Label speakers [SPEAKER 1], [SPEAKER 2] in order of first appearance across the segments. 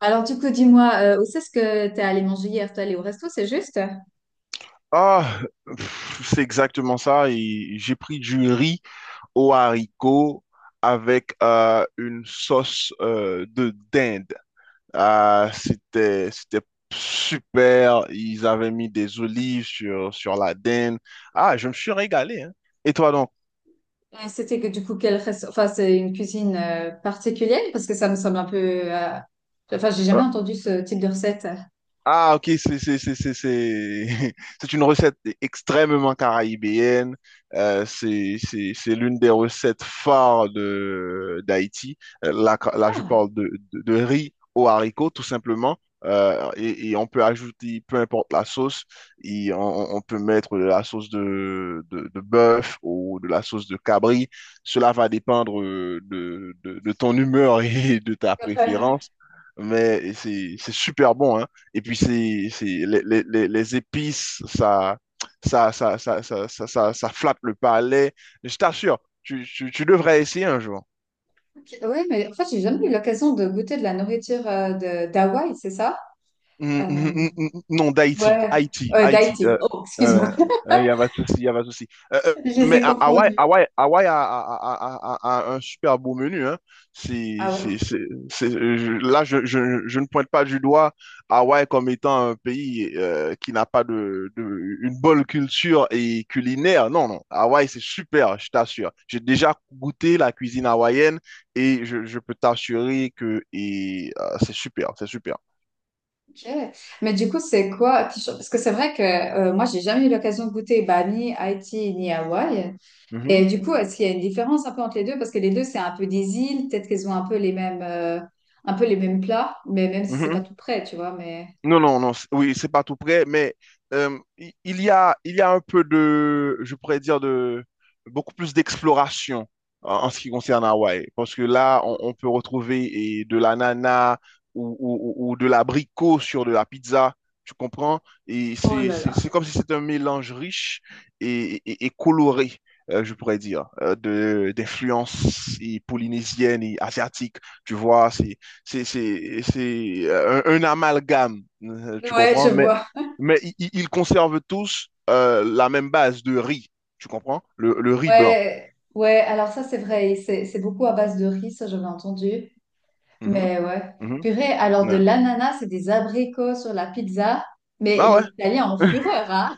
[SPEAKER 1] Alors, du coup, dis-moi, où c'est-ce que t'es allé manger hier? T'es allé au resto, c'est juste?
[SPEAKER 2] Ah, c'est exactement ça. Et j'ai pris du riz aux haricots avec une sauce de dinde. Ah, c'était super. Ils avaient mis des olives sur la dinde. Ah, je me suis régalé, hein. Et toi donc?
[SPEAKER 1] Et c'était que, du coup, quel resto? Enfin, c'est une cuisine particulière parce que ça me semble un peu. euh, Enfin, j'ai
[SPEAKER 2] euh,
[SPEAKER 1] jamais entendu ce type de recette.
[SPEAKER 2] Ah, ok, c'est une recette extrêmement caribéenne. C'est l'une des recettes phares de d'Haïti. Là, là, je
[SPEAKER 1] Ah,
[SPEAKER 2] parle de riz aux haricots, tout simplement. Et on peut ajouter peu importe la sauce. Et peut mettre de la sauce de bœuf ou de la sauce de cabri. Cela va dépendre de ton humeur et de ta préférence. Mais c'est super bon, hein. Et puis, les, les épices, ça flatte le palais. Je t'assure, tu devrais essayer un jour.
[SPEAKER 1] oui, mais en fait, j'ai jamais eu l'occasion de goûter de la nourriture de d'Hawaï, c'est ça?
[SPEAKER 2] Mm,
[SPEAKER 1] Euh,
[SPEAKER 2] mm, mm, mm, mm, mm. Non, d'Haïti,
[SPEAKER 1] Ouais,
[SPEAKER 2] Haïti,
[SPEAKER 1] ouais,
[SPEAKER 2] Haïti. Il
[SPEAKER 1] d'Haïti. Oh, excuse-moi.
[SPEAKER 2] euh, Y a pas de souci, y a pas de souci. Euh, euh,
[SPEAKER 1] Je les
[SPEAKER 2] mais
[SPEAKER 1] ai
[SPEAKER 2] Ha- Hawaï,
[SPEAKER 1] confondus.
[SPEAKER 2] Hawaï, Hawaï a un super beau menu. Hein. C'est,
[SPEAKER 1] Ah ouais.
[SPEAKER 2] c'est, c'est, c'est- je ne pointe pas du doigt Hawaï comme étant un pays qui n'a pas une bonne culture et culinaire. Non, non. Hawaï, c'est super, je t'assure. J'ai déjà goûté la cuisine hawaïenne et je peux t'assurer c'est super, c'est super.
[SPEAKER 1] Ok. Mais du coup, c'est quoi? Parce que c'est vrai que moi, j'ai jamais eu l'occasion de goûter bah, ni Haïti ni Hawaï.
[SPEAKER 2] Mm-hmm.
[SPEAKER 1] Et du coup, est-ce qu'il y a une différence un peu entre les deux? Parce que les deux, c'est un peu des îles, peut-être qu'elles ont un peu les mêmes, un peu les mêmes plats, mais même si c'est pas
[SPEAKER 2] Mhm.
[SPEAKER 1] tout près, tu vois, mais...
[SPEAKER 2] Non, non, non, oui, c'est pas tout près, mais il y a un peu de, je pourrais dire, de beaucoup plus d'exploration en ce qui concerne Hawaï. Parce que là, on peut retrouver de l'ananas ou de l'abricot sur de la pizza, tu comprends? Et
[SPEAKER 1] Oh là là.
[SPEAKER 2] c'est comme si c'était un mélange riche et coloré, je pourrais dire, d'influences et polynésiennes et asiatiques. Tu vois, un amalgame, tu
[SPEAKER 1] Ouais, je
[SPEAKER 2] comprends? Mais,
[SPEAKER 1] vois.
[SPEAKER 2] mais i- i- ils conservent tous la même base de riz, tu comprends? Le riz blanc.
[SPEAKER 1] Ouais, ouais, alors ça, c'est vrai, c'est beaucoup à base de riz, ça, j'avais entendu.
[SPEAKER 2] Mhm,
[SPEAKER 1] Mais ouais.
[SPEAKER 2] mhm,
[SPEAKER 1] Purée, alors de
[SPEAKER 2] ouais.
[SPEAKER 1] l'ananas et des abricots sur la pizza, mais
[SPEAKER 2] Ah
[SPEAKER 1] les
[SPEAKER 2] ouais?
[SPEAKER 1] Italiens en fureur, hein?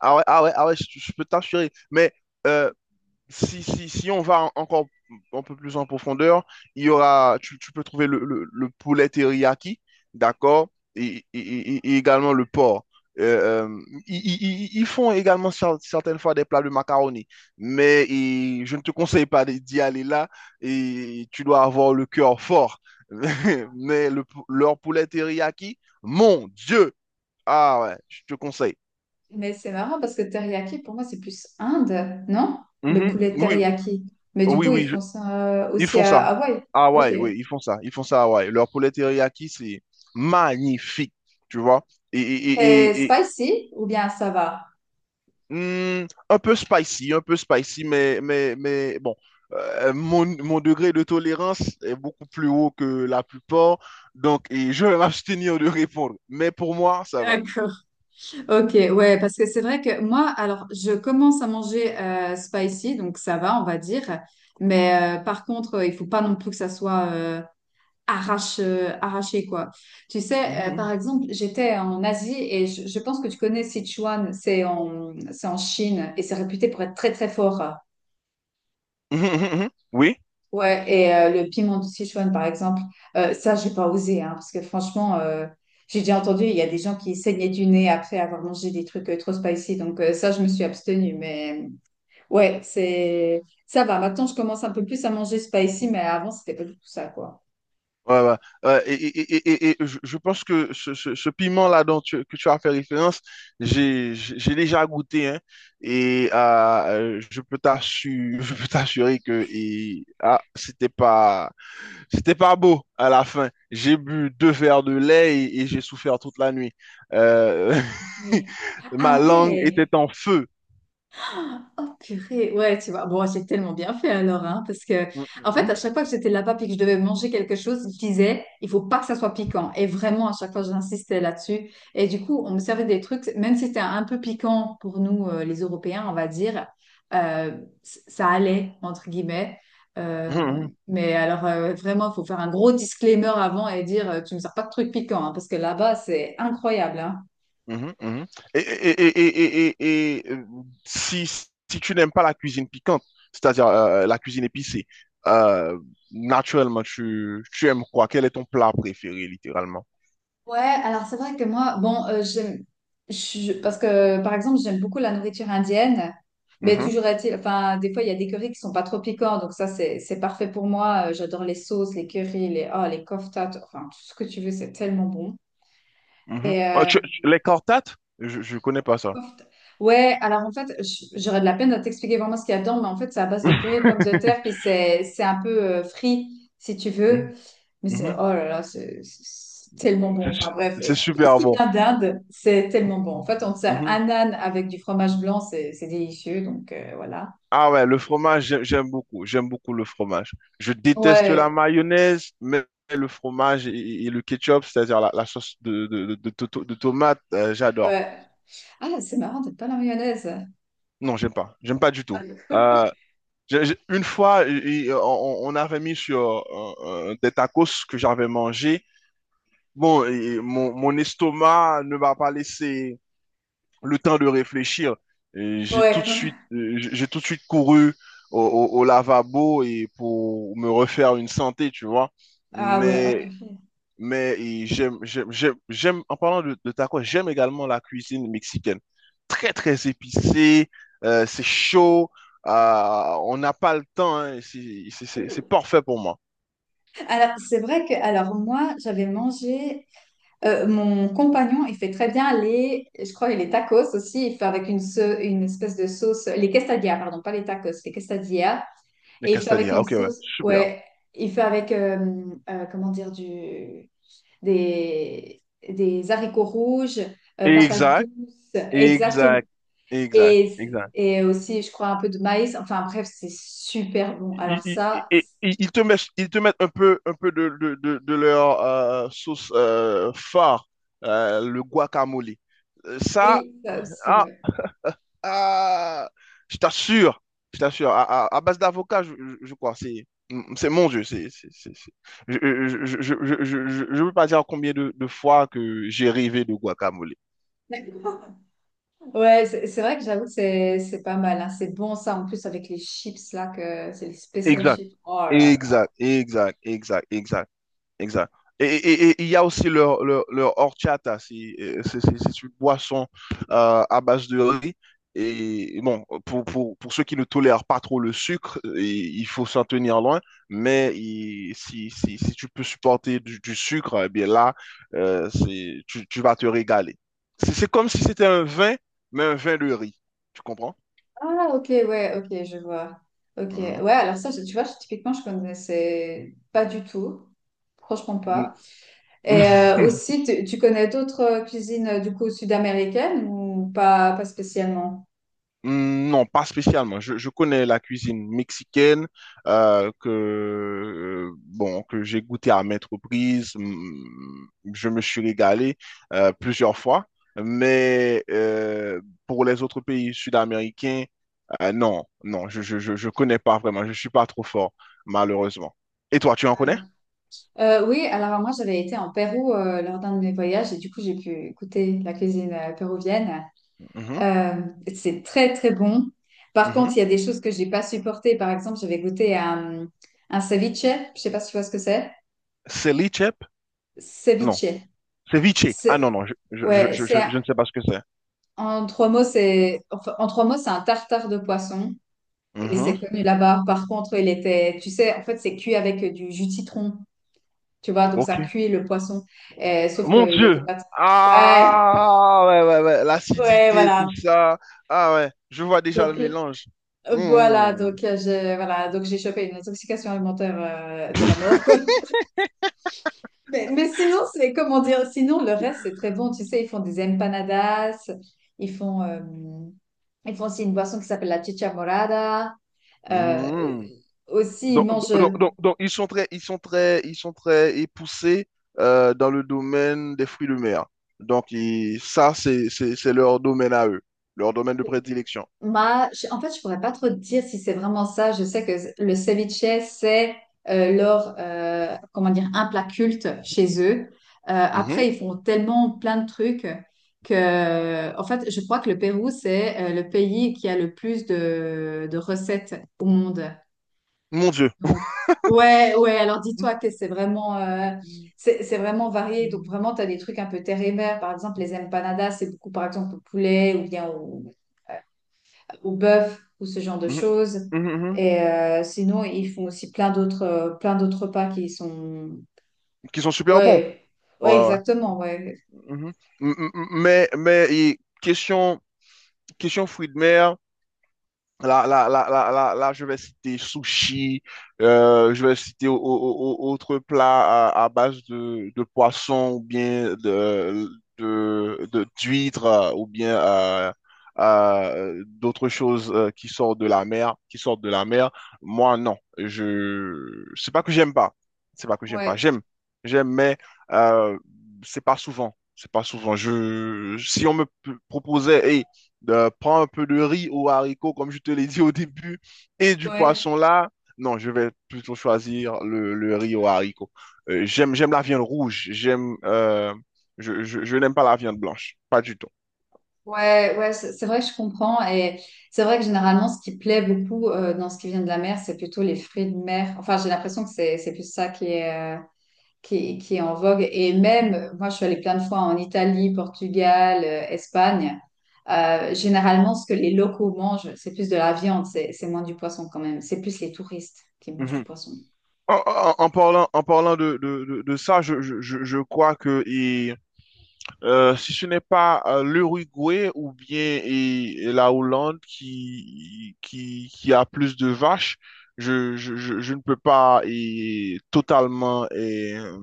[SPEAKER 2] Ah ouais, ah ouais, ah ouais, je peux t'assurer. Mais euh, si on va encore un peu plus en profondeur, il y aura, tu peux trouver le poulet teriyaki, d'accord, et également le porc. Euh, euh, Ils font également certaines fois des plats de macaroni, mais je ne te conseille pas d'y aller là, et tu dois avoir le cœur fort. Mais leur poulet teriyaki, mon Dieu! Ah ouais, je te conseille.
[SPEAKER 1] Mais c'est marrant parce que teriyaki, pour moi, c'est plus Inde, non? Le
[SPEAKER 2] Mhm,
[SPEAKER 1] poulet
[SPEAKER 2] oui,
[SPEAKER 1] teriyaki. Mais du
[SPEAKER 2] oui,
[SPEAKER 1] coup, ils
[SPEAKER 2] oui.
[SPEAKER 1] font ça
[SPEAKER 2] Ils
[SPEAKER 1] aussi
[SPEAKER 2] font
[SPEAKER 1] à
[SPEAKER 2] ça.
[SPEAKER 1] Hawaï.
[SPEAKER 2] Ah
[SPEAKER 1] Ok.
[SPEAKER 2] ouais, oui, ils font ça. Ils font ça à Hawaï. Leur poulet teriyaki, c'est magnifique, tu vois. Et, et-
[SPEAKER 1] C'est
[SPEAKER 2] et- et- et,
[SPEAKER 1] spicy ou bien ça va?
[SPEAKER 2] un peu spicy, un peu spicy, mais bon, mon degré de tolérance est beaucoup plus haut que la plupart. Donc, je vais m'abstenir de répondre. Mais pour moi, ça va.
[SPEAKER 1] D'accord. Ok, ouais, parce que c'est vrai que moi, alors, je commence à manger spicy, donc ça va, on va dire. Mais par contre, il faut pas non plus que ça soit arraché, quoi. Tu sais, par
[SPEAKER 2] Mhm,
[SPEAKER 1] exemple, j'étais en Asie et je pense que tu connais Sichuan, c'est en Chine et c'est réputé pour être très, très fort.
[SPEAKER 2] mhm. Mhm, mhm, mhm. Oui.
[SPEAKER 1] Ouais, et le piment de Sichuan, par exemple, ça, j'ai pas osé, hein, parce que franchement, j'ai déjà entendu, il y a des gens qui saignaient du nez après avoir mangé des trucs trop spicy, donc ça, je me suis abstenue, mais ouais, c'est ça va. Maintenant, je commence un peu plus à manger spicy, mais avant, c'était pas du tout ça, quoi.
[SPEAKER 2] Ouais, ouais. Ouais, et je pense que ce piment-là dont que tu as fait référence, j'ai déjà goûté, hein, et je peux t'assurer, je peux t'assurer que c'était pas beau à la fin. J'ai bu deux verres de lait et j'ai souffert toute la nuit. Euh,
[SPEAKER 1] Purée.
[SPEAKER 2] Ma
[SPEAKER 1] Ah
[SPEAKER 2] langue
[SPEAKER 1] ouais,
[SPEAKER 2] était en feu.
[SPEAKER 1] oh purée, ouais, tu vois. Bon, j'ai tellement bien fait alors, hein, parce que,
[SPEAKER 2] Mm, mm,
[SPEAKER 1] en fait,
[SPEAKER 2] mm.
[SPEAKER 1] à chaque fois que j'étais là-bas et que je devais manger quelque chose, je disais, il faut pas que ça soit piquant. Et vraiment, à chaque fois, j'insistais là-dessus. Et du coup, on me servait des trucs, même si c'était un peu piquant pour nous, les Européens, on va dire, euh, ça allait, entre guillemets.
[SPEAKER 2] Mm,
[SPEAKER 1] Euh,
[SPEAKER 2] mm.
[SPEAKER 1] mais alors, vraiment, il faut faire un gros disclaimer avant et dire, tu me sers pas de trucs piquants, hein, parce que là-bas, c'est incroyable, hein.
[SPEAKER 2] Mhm, mhm. Et, et- et- et- et- et- et, euh, si tu n'aimes pas la cuisine piquante, c'est-à-dire la cuisine épicée, euh, naturellement, tu aimes quoi? Quel est ton plat préféré, littéralement?
[SPEAKER 1] Ouais, alors c'est vrai que moi, bon, j'aime, parce que par exemple, j'aime beaucoup la nourriture indienne, mais
[SPEAKER 2] Mhm,
[SPEAKER 1] toujours est-il, enfin, des fois, il y a des currys qui sont pas trop piquants, donc ça, c'est parfait pour moi. J'adore les sauces, les currys, les, oh, les koftas, enfin, tout ce que tu veux, c'est tellement bon.
[SPEAKER 2] mhm. Oh, les cortates? Je connais pas ça.
[SPEAKER 1] Soft. Ouais, alors en fait, j'aurais de la peine de t'expliquer vraiment ce qu'il y a dedans, mais en fait, c'est à base de purée de pommes de terre, puis c'est un peu frit, si tu veux.
[SPEAKER 2] Mhm,
[SPEAKER 1] Mais c'est,
[SPEAKER 2] mhm.
[SPEAKER 1] oh là là, c'est tellement bon.
[SPEAKER 2] C'est su-
[SPEAKER 1] Enfin bref,
[SPEAKER 2] c'est
[SPEAKER 1] tout ce
[SPEAKER 2] super
[SPEAKER 1] qui
[SPEAKER 2] bon.
[SPEAKER 1] vient d'Inde, c'est tellement bon. En fait, on te sert
[SPEAKER 2] Mhm.
[SPEAKER 1] un âne avec du fromage blanc, c'est délicieux, donc voilà.
[SPEAKER 2] Ah ouais, le fromage, j'aime beaucoup. J'aime beaucoup le fromage. Je déteste la
[SPEAKER 1] Ouais,
[SPEAKER 2] mayonnaise, mais le fromage et le ketchup, c'est-à-dire la sauce de tomate, j'adore.
[SPEAKER 1] ouais. Ah, c'est marrant d'être pas la mayonnaise.
[SPEAKER 2] Non, j'aime pas. J'aime pas du tout.
[SPEAKER 1] Ah,
[SPEAKER 2] Euh, une fois, on avait mis sur des tacos que j'avais mangé. Bon, mon estomac ne m'a pas laissé le temps de réfléchir. Et J'ai tout
[SPEAKER 1] ouais.
[SPEAKER 2] de suite, euh, j'ai tout de suite couru au lavabo et pour me refaire une santé, tu vois.
[SPEAKER 1] Ah ouais, ah
[SPEAKER 2] Mais
[SPEAKER 1] purée.
[SPEAKER 2] mais en parlant de tacos, j'aime également la cuisine mexicaine. Très, très épicée, c'est chaud, on n'a pas le temps, hein, c'est parfait pour moi.
[SPEAKER 1] Alors, c'est vrai que, alors moi, j'avais mangé. Mon compagnon, il fait très bien les, je crois, les tacos aussi. Il fait avec une, une espèce de sauce, les quesadillas, pardon, pas les tacos, les quesadillas.
[SPEAKER 2] Mais
[SPEAKER 1] Et il fait avec
[SPEAKER 2] Castalia,
[SPEAKER 1] une
[SPEAKER 2] ok, ouais,
[SPEAKER 1] sauce,
[SPEAKER 2] super.
[SPEAKER 1] ouais, il fait avec, comment dire, des, des haricots rouges, patates
[SPEAKER 2] Exact,
[SPEAKER 1] douces, exactement.
[SPEAKER 2] exact, exact,
[SPEAKER 1] Et,
[SPEAKER 2] exact.
[SPEAKER 1] et aussi, je crois, un peu de maïs. Enfin, bref, c'est super bon. Alors
[SPEAKER 2] ils,
[SPEAKER 1] ça,
[SPEAKER 2] ils- Ils te mettent un peu de leur sauce phare, le guacamole. Euh, Ça,
[SPEAKER 1] oui, ça aussi,
[SPEAKER 2] ah,
[SPEAKER 1] ouais.
[SPEAKER 2] ah, je t'assure, je t'assure, à base d'avocat, je crois, c'est mon Dieu, je veux pas dire combien de fois que j'ai rêvé de guacamole.
[SPEAKER 1] Ouais, c'est c'est vrai que j'avoue que c'est pas mal. Hein. C'est bon ça, en plus avec les chips là, que c'est les spécial
[SPEAKER 2] Exact,
[SPEAKER 1] chips. Oh là là.
[SPEAKER 2] exact, exact, exact, exact. Exact. Et et il y a aussi leur horchata, c'est une boisson à base de riz. Et bon, pour ceux qui ne tolèrent pas trop le sucre, il faut s'en tenir loin. Mais si tu peux supporter du sucre, eh bien là, tu vas te régaler. C'est comme si c'était un vin, mais un vin de riz. Tu comprends?
[SPEAKER 1] Ah, ok, ouais, ok, je vois. Ok, ouais, alors ça, tu vois, typiquement, je connaissais pas du tout. Franchement
[SPEAKER 2] Mhm.
[SPEAKER 1] pas. Et aussi, tu connais d'autres cuisines du coup sud-américaines ou pas, pas spécialement?
[SPEAKER 2] Hmm. Non, pas spécialement. Je connais la cuisine mexicaine que bon que j'ai goûté à maintes reprises. Je me suis régalé plusieurs fois, mais pour les autres pays sud-américains, non, non, je connais pas vraiment. Je suis pas trop fort, malheureusement. Et toi, tu en
[SPEAKER 1] Ouais.
[SPEAKER 2] connais?
[SPEAKER 1] Oui, alors moi j'avais été en Pérou lors d'un de mes voyages et du coup j'ai pu goûter la cuisine péruvienne.
[SPEAKER 2] Mhm,
[SPEAKER 1] Euh, c'est très, très bon. Par contre,
[SPEAKER 2] mhm.
[SPEAKER 1] il y a des choses que j'ai pas supportées. Par exemple, un ceviche. Je sais pas si tu vois ce que c'est.
[SPEAKER 2] Ceviche? Non.
[SPEAKER 1] Ceviche.
[SPEAKER 2] Ceviche. Ah non,
[SPEAKER 1] C'est,
[SPEAKER 2] non,
[SPEAKER 1] ouais, c'est,
[SPEAKER 2] je ne sais pas ce que c'est.
[SPEAKER 1] en trois mots, c'est, enfin, en trois mots, c'est un tartare de poisson. Et
[SPEAKER 2] Mhm.
[SPEAKER 1] c'est connu là-bas. Par contre, il était, tu sais, en fait, c'est cuit avec du jus de citron. Tu vois, donc
[SPEAKER 2] Ok.
[SPEAKER 1] ça cuit le poisson. Sauf
[SPEAKER 2] Mon
[SPEAKER 1] qu'il
[SPEAKER 2] Dieu.
[SPEAKER 1] n'était pas. Ouais,
[SPEAKER 2] Ah, ouais, ouais, ouais.
[SPEAKER 1] ouais,
[SPEAKER 2] L'acidité, tout
[SPEAKER 1] voilà.
[SPEAKER 2] ça. Ah, ouais. Je vois déjà le
[SPEAKER 1] Donc
[SPEAKER 2] mélange.
[SPEAKER 1] Voilà,
[SPEAKER 2] Mmh.
[SPEAKER 1] donc j'ai voilà, donc j'ai chopé une intoxication alimentaire de la mort, quoi. Mais sinon, c'est comment dire, sinon le reste c'est très bon. Tu sais, ils font des empanadas, ils font, euh, ils font aussi une boisson qui s'appelle la chicha morada. Euh,
[SPEAKER 2] Mmh.
[SPEAKER 1] aussi, ils
[SPEAKER 2] Donc,
[SPEAKER 1] mangent
[SPEAKER 2] donc, ils sont très époussés dans le domaine des fruits de mer. Donc, c'est leur domaine à eux, leur domaine de prédilection.
[SPEAKER 1] bah, en fait, je pourrais pas trop te dire si c'est vraiment ça. Je sais que le ceviche, c'est comment dire, un plat culte chez eux.
[SPEAKER 2] Mhm.
[SPEAKER 1] Après, ils font tellement plein de trucs que, en fait, je crois que le Pérou, c'est le pays qui a le plus de recettes au monde.
[SPEAKER 2] Mon Dieu.
[SPEAKER 1] Donc, ouais, ouais. Alors, dis-toi que c'est vraiment, c'est vraiment varié. Donc,
[SPEAKER 2] Mhm.
[SPEAKER 1] vraiment, tu as des trucs un peu terre et mer. Par exemple, les empanadas, c'est beaucoup, par exemple, au poulet ou bien au ou bœuf ou ce genre de
[SPEAKER 2] Mhm,
[SPEAKER 1] choses.
[SPEAKER 2] mhm, mhm. Mhm.
[SPEAKER 1] Et sinon, ils font aussi plein d'autres repas qui sont...
[SPEAKER 2] Qui sont super bons.
[SPEAKER 1] Ouais,
[SPEAKER 2] Ouais,
[SPEAKER 1] ouais,
[SPEAKER 2] ouais.
[SPEAKER 1] exactement, ouais.
[SPEAKER 2] Mhm. Mhm. Mais question fruits de mer. Là, je vais citer sushi, je vais citer autres plats à base de poisson ou bien d'huîtres ou bien d'autres choses qui sortent de la mer, qui sortent de la mer. Moi, non, c'est pas que j'aime pas, c'est pas que j'aime pas,
[SPEAKER 1] Ouais,
[SPEAKER 2] j'aime, mais euh, c'est pas souvent, c'est pas souvent. Si on me proposait, hey, prends un peu de riz ou haricots, comme je te l'ai dit au début, et du
[SPEAKER 1] ouais,
[SPEAKER 2] poisson là. Non, je vais plutôt choisir le riz aux haricots. J'aime la viande rouge. Je n'aime pas la viande blanche, pas du tout.
[SPEAKER 1] ouais, c'est vrai que je comprends. Et c'est vrai que généralement, ce qui plaît beaucoup dans ce qui vient de la mer, c'est plutôt les fruits de mer. Enfin, j'ai l'impression que c'est plus ça qui est... qui est en vogue. Et même, moi, je suis allée plein de fois en Italie, Portugal, Espagne. Généralement, ce que les locaux mangent, c'est plus de la viande, c'est moins du poisson quand même. C'est plus les touristes qui mangent du
[SPEAKER 2] Mhm.
[SPEAKER 1] poisson.
[SPEAKER 2] En parlant de ça, je crois que si ce n'est pas l'Uruguay ou bien la Hollande qui a plus de vaches, je ne peux pas totalement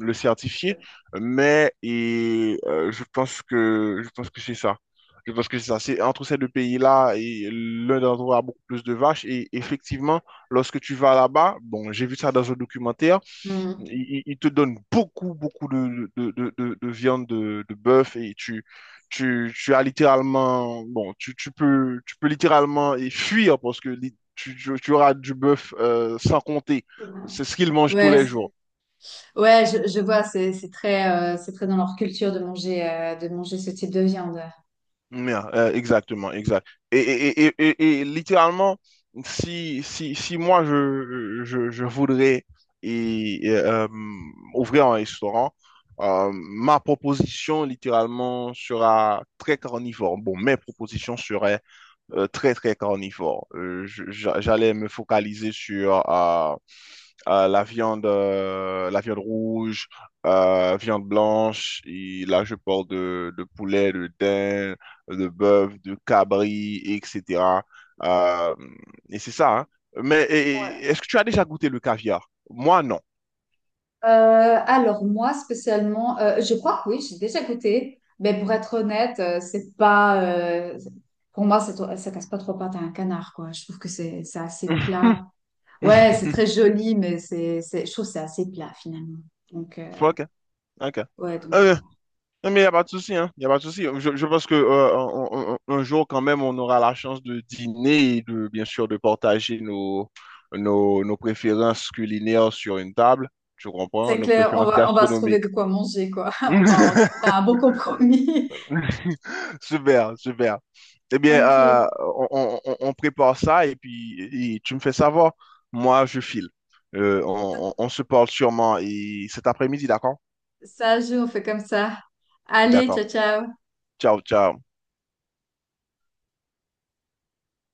[SPEAKER 2] le certifier, mais je pense que c'est ça. Je pense que c'est ça. C'est entre ces deux pays-là, et l'un d'entre eux a beaucoup plus de vaches. Et effectivement, lorsque tu vas là-bas, bon, j'ai vu ça dans un documentaire,
[SPEAKER 1] Hmm.
[SPEAKER 2] il te donne beaucoup, beaucoup de viande de bœuf et tu as littéralement, bon, tu peux littéralement fuir parce que tu auras du bœuf sans compter. C'est ce qu'ils mangent tous
[SPEAKER 1] Ouais,
[SPEAKER 2] les jours.
[SPEAKER 1] ouais, je vois, c'est c'est très dans leur culture de manger ce type de viande.
[SPEAKER 2] Yeah, exactement, exact. Et littéralement, si moi je voudrais et, et, euh, ouvrir un restaurant, ma proposition littéralement sera très carnivore. Bon, mes propositions seraient très, très carnivore. J'allais me focaliser sur la viande rouge, viande blanche. Et là, je parle de poulet, de daim, de bœuf, de cabri, etc. Euh, et c'est ça, hein. Mais est-ce que tu as déjà goûté le caviar? Moi, non.
[SPEAKER 1] Euh, alors moi spécialement, je crois que oui, j'ai déjà goûté, mais pour être honnête, c'est pas, pour moi, ça casse pas trois pattes à un canard, quoi. Je trouve que c'est assez plat. Ouais, c'est très joli, mais je trouve que c'est assez plat finalement. Donc
[SPEAKER 2] Ok, hein? Ok.
[SPEAKER 1] ouais, donc
[SPEAKER 2] Euh,
[SPEAKER 1] voilà.
[SPEAKER 2] Non, mais il n'y a pas de souci, hein. Il a pas de souci. Je pense que un jour, quand même, on aura la chance de dîner et bien sûr, de partager nos préférences culinaires sur une table. Tu comprends?
[SPEAKER 1] C'est
[SPEAKER 2] Nos
[SPEAKER 1] clair,
[SPEAKER 2] préférences
[SPEAKER 1] on va se trouver
[SPEAKER 2] gastronomiques.
[SPEAKER 1] de quoi manger, quoi. Enfin, on trouvera un bon compromis.
[SPEAKER 2] Super, super. Eh bien,
[SPEAKER 1] Ok,
[SPEAKER 2] on prépare ça et puis tu me fais savoir. Moi, je file. On se parle sûrement cet après-midi, d'accord?
[SPEAKER 1] ça joue, on fait comme ça. Allez,
[SPEAKER 2] D'accord.
[SPEAKER 1] ciao ciao.
[SPEAKER 2] Ciao, ciao.